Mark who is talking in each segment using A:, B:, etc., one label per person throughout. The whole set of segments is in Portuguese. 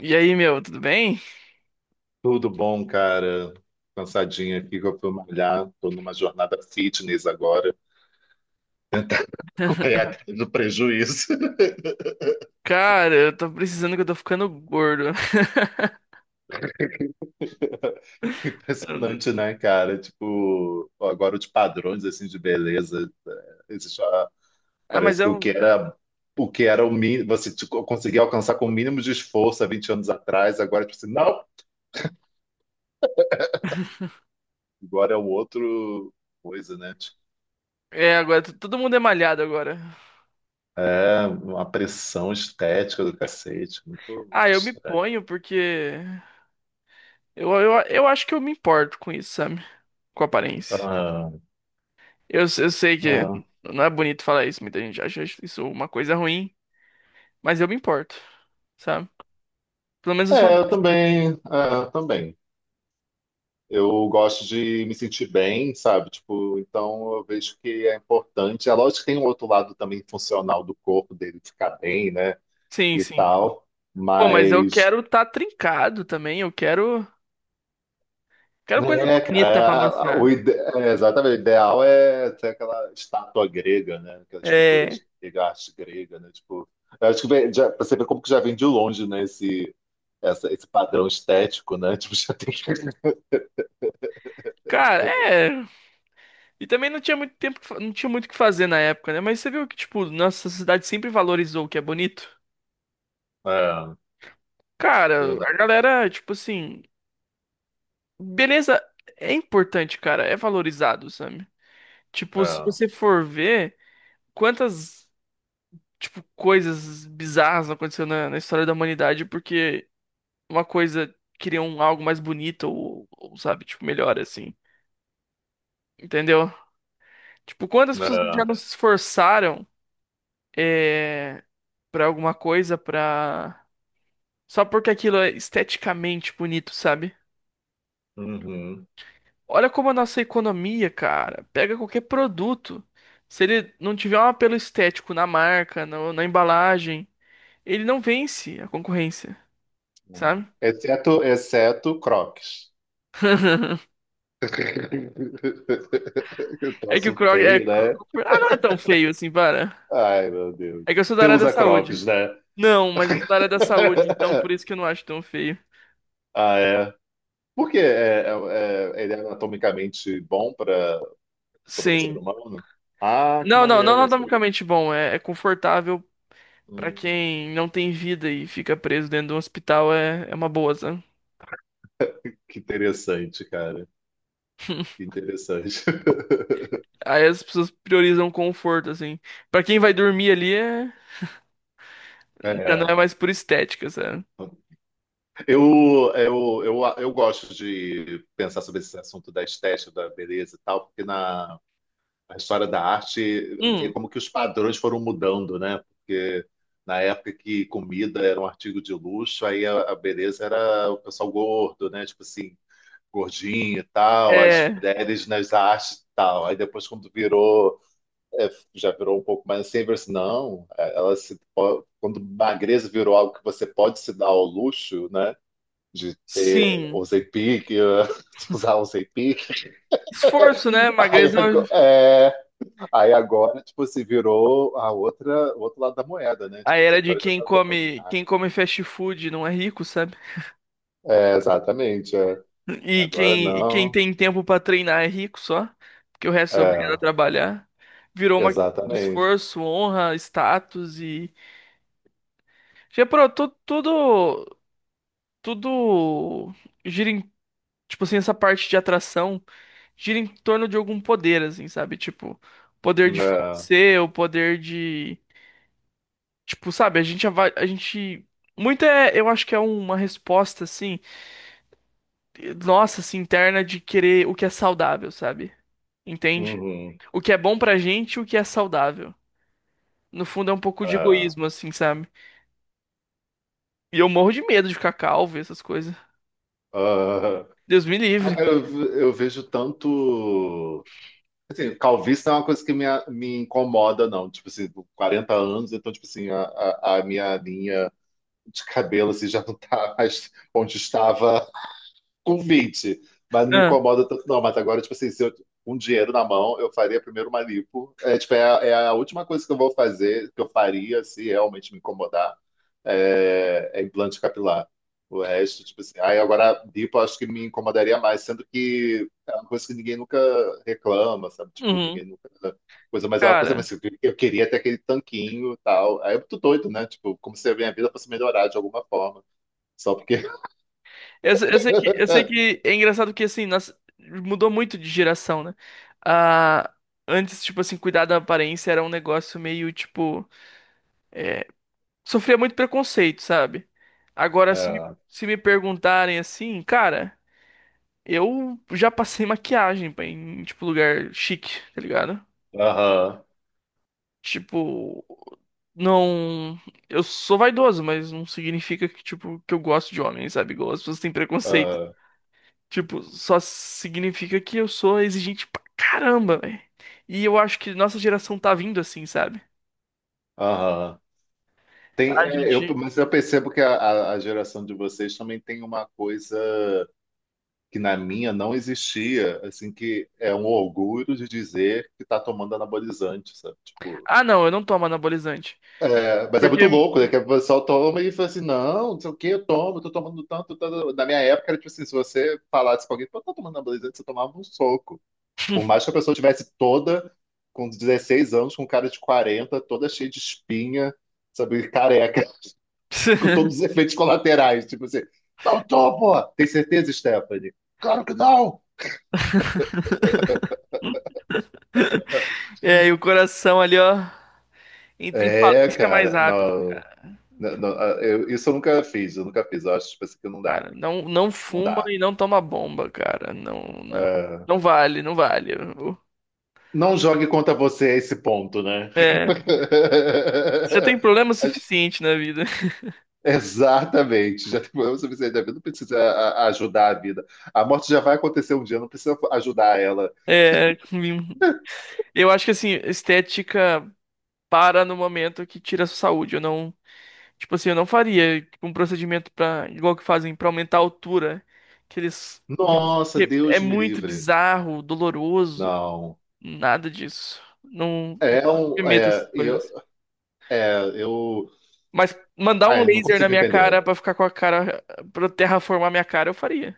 A: E aí, meu, tudo bem?
B: Tudo bom, cara? Cansadinha aqui que eu fui malhar. Tô numa jornada fitness agora. Correr atrás do prejuízo.
A: Cara, eu tô precisando que eu tô ficando gordo.
B: Impressionante, né, cara? Tipo, agora os padrões assim de beleza, existe uma-
A: Ah, mas
B: parece que o que
A: eu.
B: era o que era o mínimo, você tipo, conseguia alcançar com o mínimo de esforço há 20 anos atrás, agora tipo assim, não, agora é um outro coisa, né? Tipo,
A: É, agora todo mundo é malhado agora.
B: é uma pressão estética do cacete, muito
A: Ah,
B: muito
A: eu me
B: estranho.
A: ponho porque. Eu acho que eu me importo com isso, sabe? Com a aparência. Eu sei que
B: Ah,
A: não é bonito falar isso, muita gente acha isso uma coisa ruim, mas eu me importo, sabe? Pelo menos eu sou
B: é, eu
A: honesto.
B: também, é, eu também. Eu gosto de me sentir bem, sabe? Tipo, então eu vejo que é importante. É lógico que tem um outro lado também funcional do corpo dele ficar bem, né?
A: Sim,
B: E
A: sim.
B: tal.
A: Pô, mas eu
B: Mas,
A: quero tá trincado também, eu quero. Quero coisa
B: né, cara, é,
A: bonita pra
B: o
A: mostrar.
B: ide- é, exatamente, o ideal é ter aquela estátua grega, né? Aquelas
A: É,
B: figuras de arte grega, né? Tipo, eu acho que vem, já, pra você ver como que já vem de longe, né? Esse, essa- esse padrão estético, né? Tipo, já tem que.
A: cara, é. E também não tinha muito tempo, não tinha muito o que fazer na época, né? Mas você viu que, tipo, nossa sociedade sempre valorizou o que é bonito?
B: É,
A: Cara, a
B: verdade.
A: galera, tipo assim, beleza é importante, cara, é valorizado, sabe? Tipo, se
B: É.
A: você for ver quantas, tipo, coisas bizarras aconteceram na história da humanidade porque uma coisa queria um algo mais bonito ou, sabe, tipo, melhor assim. Entendeu? Tipo, quantas pessoas já
B: Não.
A: não se esforçaram? É, pra alguma coisa, pra. Só porque aquilo é esteticamente bonito, sabe?
B: Uhum.
A: Olha como a nossa economia, cara, pega qualquer produto. Se ele não tiver um apelo estético na marca, na embalagem, ele não vence a concorrência,
B: Não.
A: sabe?
B: Exceto, exceto Crocs. Eu
A: É que o
B: troço
A: Krog
B: feio,
A: é.
B: né?
A: Ah, não é tão feio assim, para.
B: Ai, meu Deus.
A: É que eu sou da
B: Você
A: área da
B: usa
A: saúde.
B: Crocs, né?
A: Não, mas eu sou da área da saúde, então por isso que eu não acho tão feio.
B: Ah, é. Por quê? É, ele é anatomicamente bom para o ser
A: Sim.
B: humano? Ah, que
A: Não, não, não
B: maneiro, sabe?
A: anatomicamente bom. É confortável. Pra
B: Hum,
A: quem não tem vida e fica preso dentro de um hospital é uma boa, sabe?
B: que interessante, cara. Que interessante.
A: Aí as pessoas priorizam conforto, assim. Pra quem vai dormir ali, é. Já não é
B: É.
A: mais por estética, sabe?
B: Eu gosto de pensar sobre esse assunto da estética, da beleza e tal, porque na, a história da arte, ver
A: Hum,
B: como que os padrões foram mudando, né? Porque na época que comida era um artigo de luxo, aí a beleza era o pessoal gordo, né? Tipo assim, gordinho e tal, as
A: é.
B: mulheres nas artes e tal. Aí depois quando virou, é, já virou um pouco mais assim, virou assim, não, ela se po- quando magreza virou algo que você pode se dar ao luxo, né? De ter
A: Sim.
B: usei pique, usar usei pique.
A: Esforço, né?
B: Aí
A: Magreza,
B: agora, é, aí agora, tipo, se virou a outra, o outro lado da moeda, né?
A: a
B: Tipo assim,
A: era de
B: agora já tá todo mundo. Ah,
A: quem come fast food não é rico, sabe?
B: é, exatamente. É.
A: E
B: Agora
A: quem, e quem
B: não.
A: tem tempo pra treinar é rico só, porque o resto é obrigado a
B: É,
A: trabalhar. Virou uma questão de
B: exatamente.
A: esforço, honra, status e já pro tudo tudo gira em, tipo assim, essa parte de atração gira em torno de algum poder, assim, sabe? Tipo, poder de
B: É,
A: ser, o poder de, tipo, sabe? A gente, muito é, eu acho que é uma resposta, assim, nossa, assim, interna de querer o que é saudável, sabe? Entende?
B: uhum,
A: O que é bom pra gente, e o que é saudável. No fundo é um pouco de
B: é,
A: egoísmo, assim, sabe? E eu morro de medo de ficar calvo e essas coisas.
B: ah.
A: Deus me
B: Ah,
A: livre.
B: cara, eu, ve- eu vejo tanto. Assim, calvície não é uma coisa que me, a- me incomoda, não. Tipo assim, com 40 anos, então, tipo assim, a minha linha de cabelo assim, já não tá mais onde estava convite. Mas não me
A: Ah,
B: incomoda tanto, não. Mas agora, tipo assim, se eu com dinheiro na mão, eu faria primeiro uma lipo. É, tipo, é, a- é a última coisa que eu vou fazer, que eu faria se realmente me incomodar, é, é implante capilar. O resto, tipo assim, aí agora lipo eu acho que me incomodaria mais, sendo que é uma coisa que ninguém nunca reclama, sabe? Tipo,
A: uhum,
B: ninguém nunca. Coisa, mas é uma coisa,
A: cara.
B: mas assim, eu queria ter aquele tanquinho e tal. Aí eu tô doido, né? Tipo, como se a minha vida fosse melhorar de alguma forma. Só porque.
A: Eu, se- eu sei que, eu sei que é engraçado que assim, nós, mudou muito de geração, né? Ah, antes, tipo assim, cuidar da aparência era um negócio meio, tipo, sofria muito preconceito, sabe? Agora, se me,
B: É.
A: se me perguntarem assim, cara, eu já passei maquiagem em, tipo, lugar chique, tá ligado?
B: Aham,
A: Tipo, não. Eu sou vaidoso, mas não significa que, tipo, que eu gosto de homem, sabe? Igual as pessoas têm preconceito.
B: aham,
A: Tipo, só significa que eu sou exigente pra caramba, velho. E eu acho que nossa geração tá vindo assim, sabe?
B: aham. Tem,
A: A
B: é, eu,
A: gente.
B: mas eu percebo que a, a geração de vocês também tem uma coisa que na minha não existia, assim, que é um orgulho de dizer que está tomando anabolizante, sabe? Tipo,
A: Ah, não, eu não tomo anabolizante.
B: é, mas é
A: Porque.
B: muito louco, né? Que o pessoal toma e fala assim, não, não sei o que, eu tomo, eu tô tomando tanto, tanto. Na minha época, era tipo assim, se você falasse com alguém, eu tô tomando anabolizante, você tomava um soco. Por mais que a pessoa tivesse toda com 16 anos, com cara de 40, toda cheia de espinha, sabe, careca, com todos os efeitos colaterais. Tipo assim, não tô, pô! Tem certeza, Stephanie? Claro que não!
A: É, e o coração ali, ó, entra em
B: É,
A: falência mais
B: cara,
A: rápido.
B: não. Não, eu- isso eu nunca fiz, eu nunca fiz. Eu acho tipo assim, que não dá.
A: Cara, não, não
B: Não
A: fuma
B: dá.
A: e não toma bomba, cara. Não, não.
B: É,
A: Não vale, não vale.
B: não jogue contra você esse ponto, né?
A: É, você tem problema
B: A
A: suficiente na vida.
B: exatamente, já tem problema suficiente da vida, não precisa ajudar a vida. A morte já vai acontecer um dia, não precisa ajudar ela.
A: É, eu acho que assim, estética para no momento que tira a sua saúde. Eu não. Tipo assim, eu não faria tipo, um procedimento para igual que fazem pra aumentar a altura, né? que eles,
B: Nossa,
A: que é
B: Deus me
A: muito
B: livre.
A: bizarro, doloroso,
B: Não.
A: nada disso. Não, não
B: É um.
A: me essas
B: É, eu,
A: coisas.
B: é, eu.
A: Mas mandar um
B: Ai, não
A: laser na
B: consigo
A: minha cara
B: entender.
A: pra ficar com a cara pra terraformar minha cara, eu faria.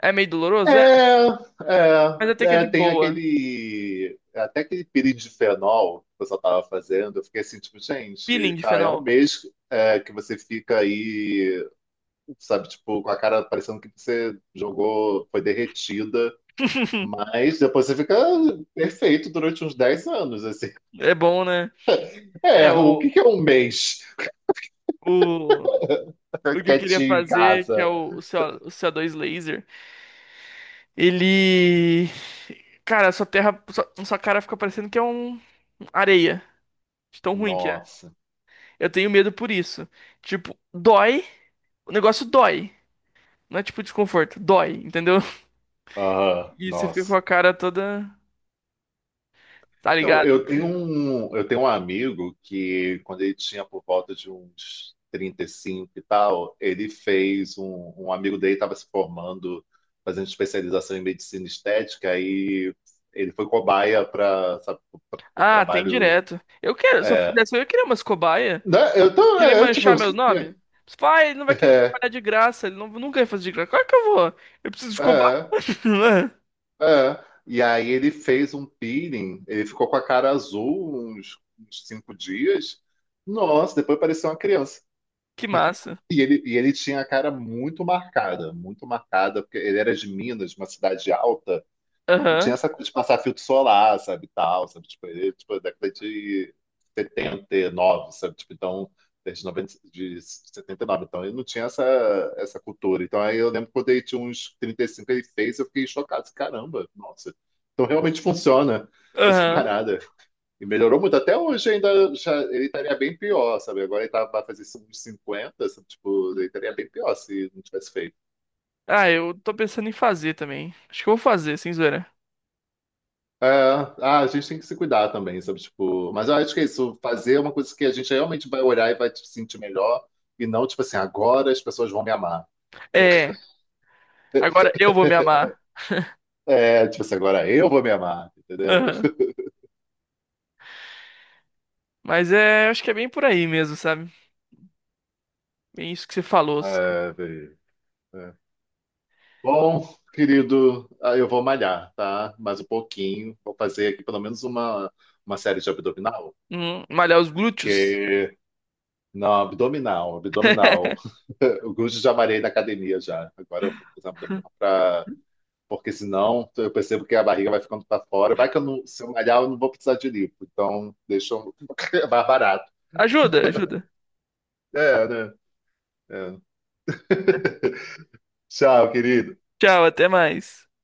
A: É meio doloroso, é,
B: É, é,
A: mas até que é
B: é,
A: de
B: tem
A: boa.
B: aquele. Até aquele pirindifenol que o pessoal estava fazendo, eu fiquei assim, tipo, gente,
A: Peeling de
B: tá, é
A: fenol.
B: um mês é, que você fica aí, sabe, tipo, com a cara parecendo que você jogou, foi derretida. Mas depois você fica perfeito durante uns 10 anos, assim.
A: É bom, né?
B: É,
A: É
B: o
A: o
B: que que é um mês
A: o o que eu queria
B: quietinho em
A: fazer que é
B: casa?
A: o CO2 laser. Ele. Cara, sua terra. Sua cara fica parecendo que é um areia. De tão ruim que é.
B: Nossa.
A: Eu tenho medo por isso. Tipo, dói. O negócio dói. Não é tipo desconforto. Dói, entendeu?
B: Aham,
A: E você fica com
B: nossa.
A: a cara toda. Tá
B: Então,
A: ligado?
B: eu tenho um amigo que, quando ele tinha por volta de uns 35 e cinco e tal, ele fez um, um amigo dele estava se formando, fazendo especialização em medicina estética, e ele foi cobaia para o
A: Ah, tem
B: trabalho.
A: direto. Eu quero. Se eu
B: É,
A: fizesse, eu ia querer umas cobaia.
B: né? Eu tô,
A: Querer
B: é, tipo,
A: manchar meu nome. Pai, ele não vai querer trabalhar de graça. Ele não, nunca vai fazer de graça. Como é que eu vou? Eu preciso de cobaia.
B: é, é. E aí ele fez um peeling, ele ficou com a cara azul uns, uns 5 dias. Nossa, depois parecia uma criança.
A: Que massa.
B: E ele tinha a cara muito marcada, porque ele era de Minas, uma cidade alta. E não tinha
A: Aham.
B: essa coisa de passar filtro solar, sabe, tal, sabe, tipo, ele, tipo, década de 79, sabe, tipo, então, desde 90 de 79 então, ele não tinha essa, essa cultura. Então, aí eu lembro quando ele tinha uns 35 ele fez, eu fiquei chocado, assim, caramba, nossa, então realmente funciona essa
A: Aham.
B: parada. E melhorou muito, até hoje ainda, já, ele estaria bem pior, sabe, agora ele tá, vai fazer uns 50 sabe, tipo, ele estaria bem pior se não tivesse feito.
A: Ah, eu tô pensando em fazer também. Acho que eu vou fazer, sem zoeira.
B: É, ah, a gente tem que se cuidar também, sabe? Tipo, mas eu acho que é isso, fazer uma coisa que a gente realmente vai olhar e vai se sentir melhor, e não, tipo assim, agora as pessoas vão me amar.
A: É, agora eu vou me amar.
B: É, tipo assim, agora eu vou me amar, entendeu?
A: Aham. Mas é, acho que é bem por aí mesmo, sabe? Bem isso que você falou, sabe?
B: É, velho, é. Bom, querido, ah, eu vou malhar, tá? Mais um pouquinho. Vou fazer aqui pelo menos uma série de abdominal.
A: Malhar os glúteos.
B: Que. Não, abdominal, abdominal. O Gujo já malhei na academia já. Agora eu vou fazer abdominal pra porque senão eu percebo que a barriga vai ficando para fora. Vai que eu não, se eu malhar, eu não vou precisar de lipo. Então, deixa eu é mais barato.
A: Ajuda, ajuda.
B: É, né? É. Tchau, querido.
A: Tchau, até mais.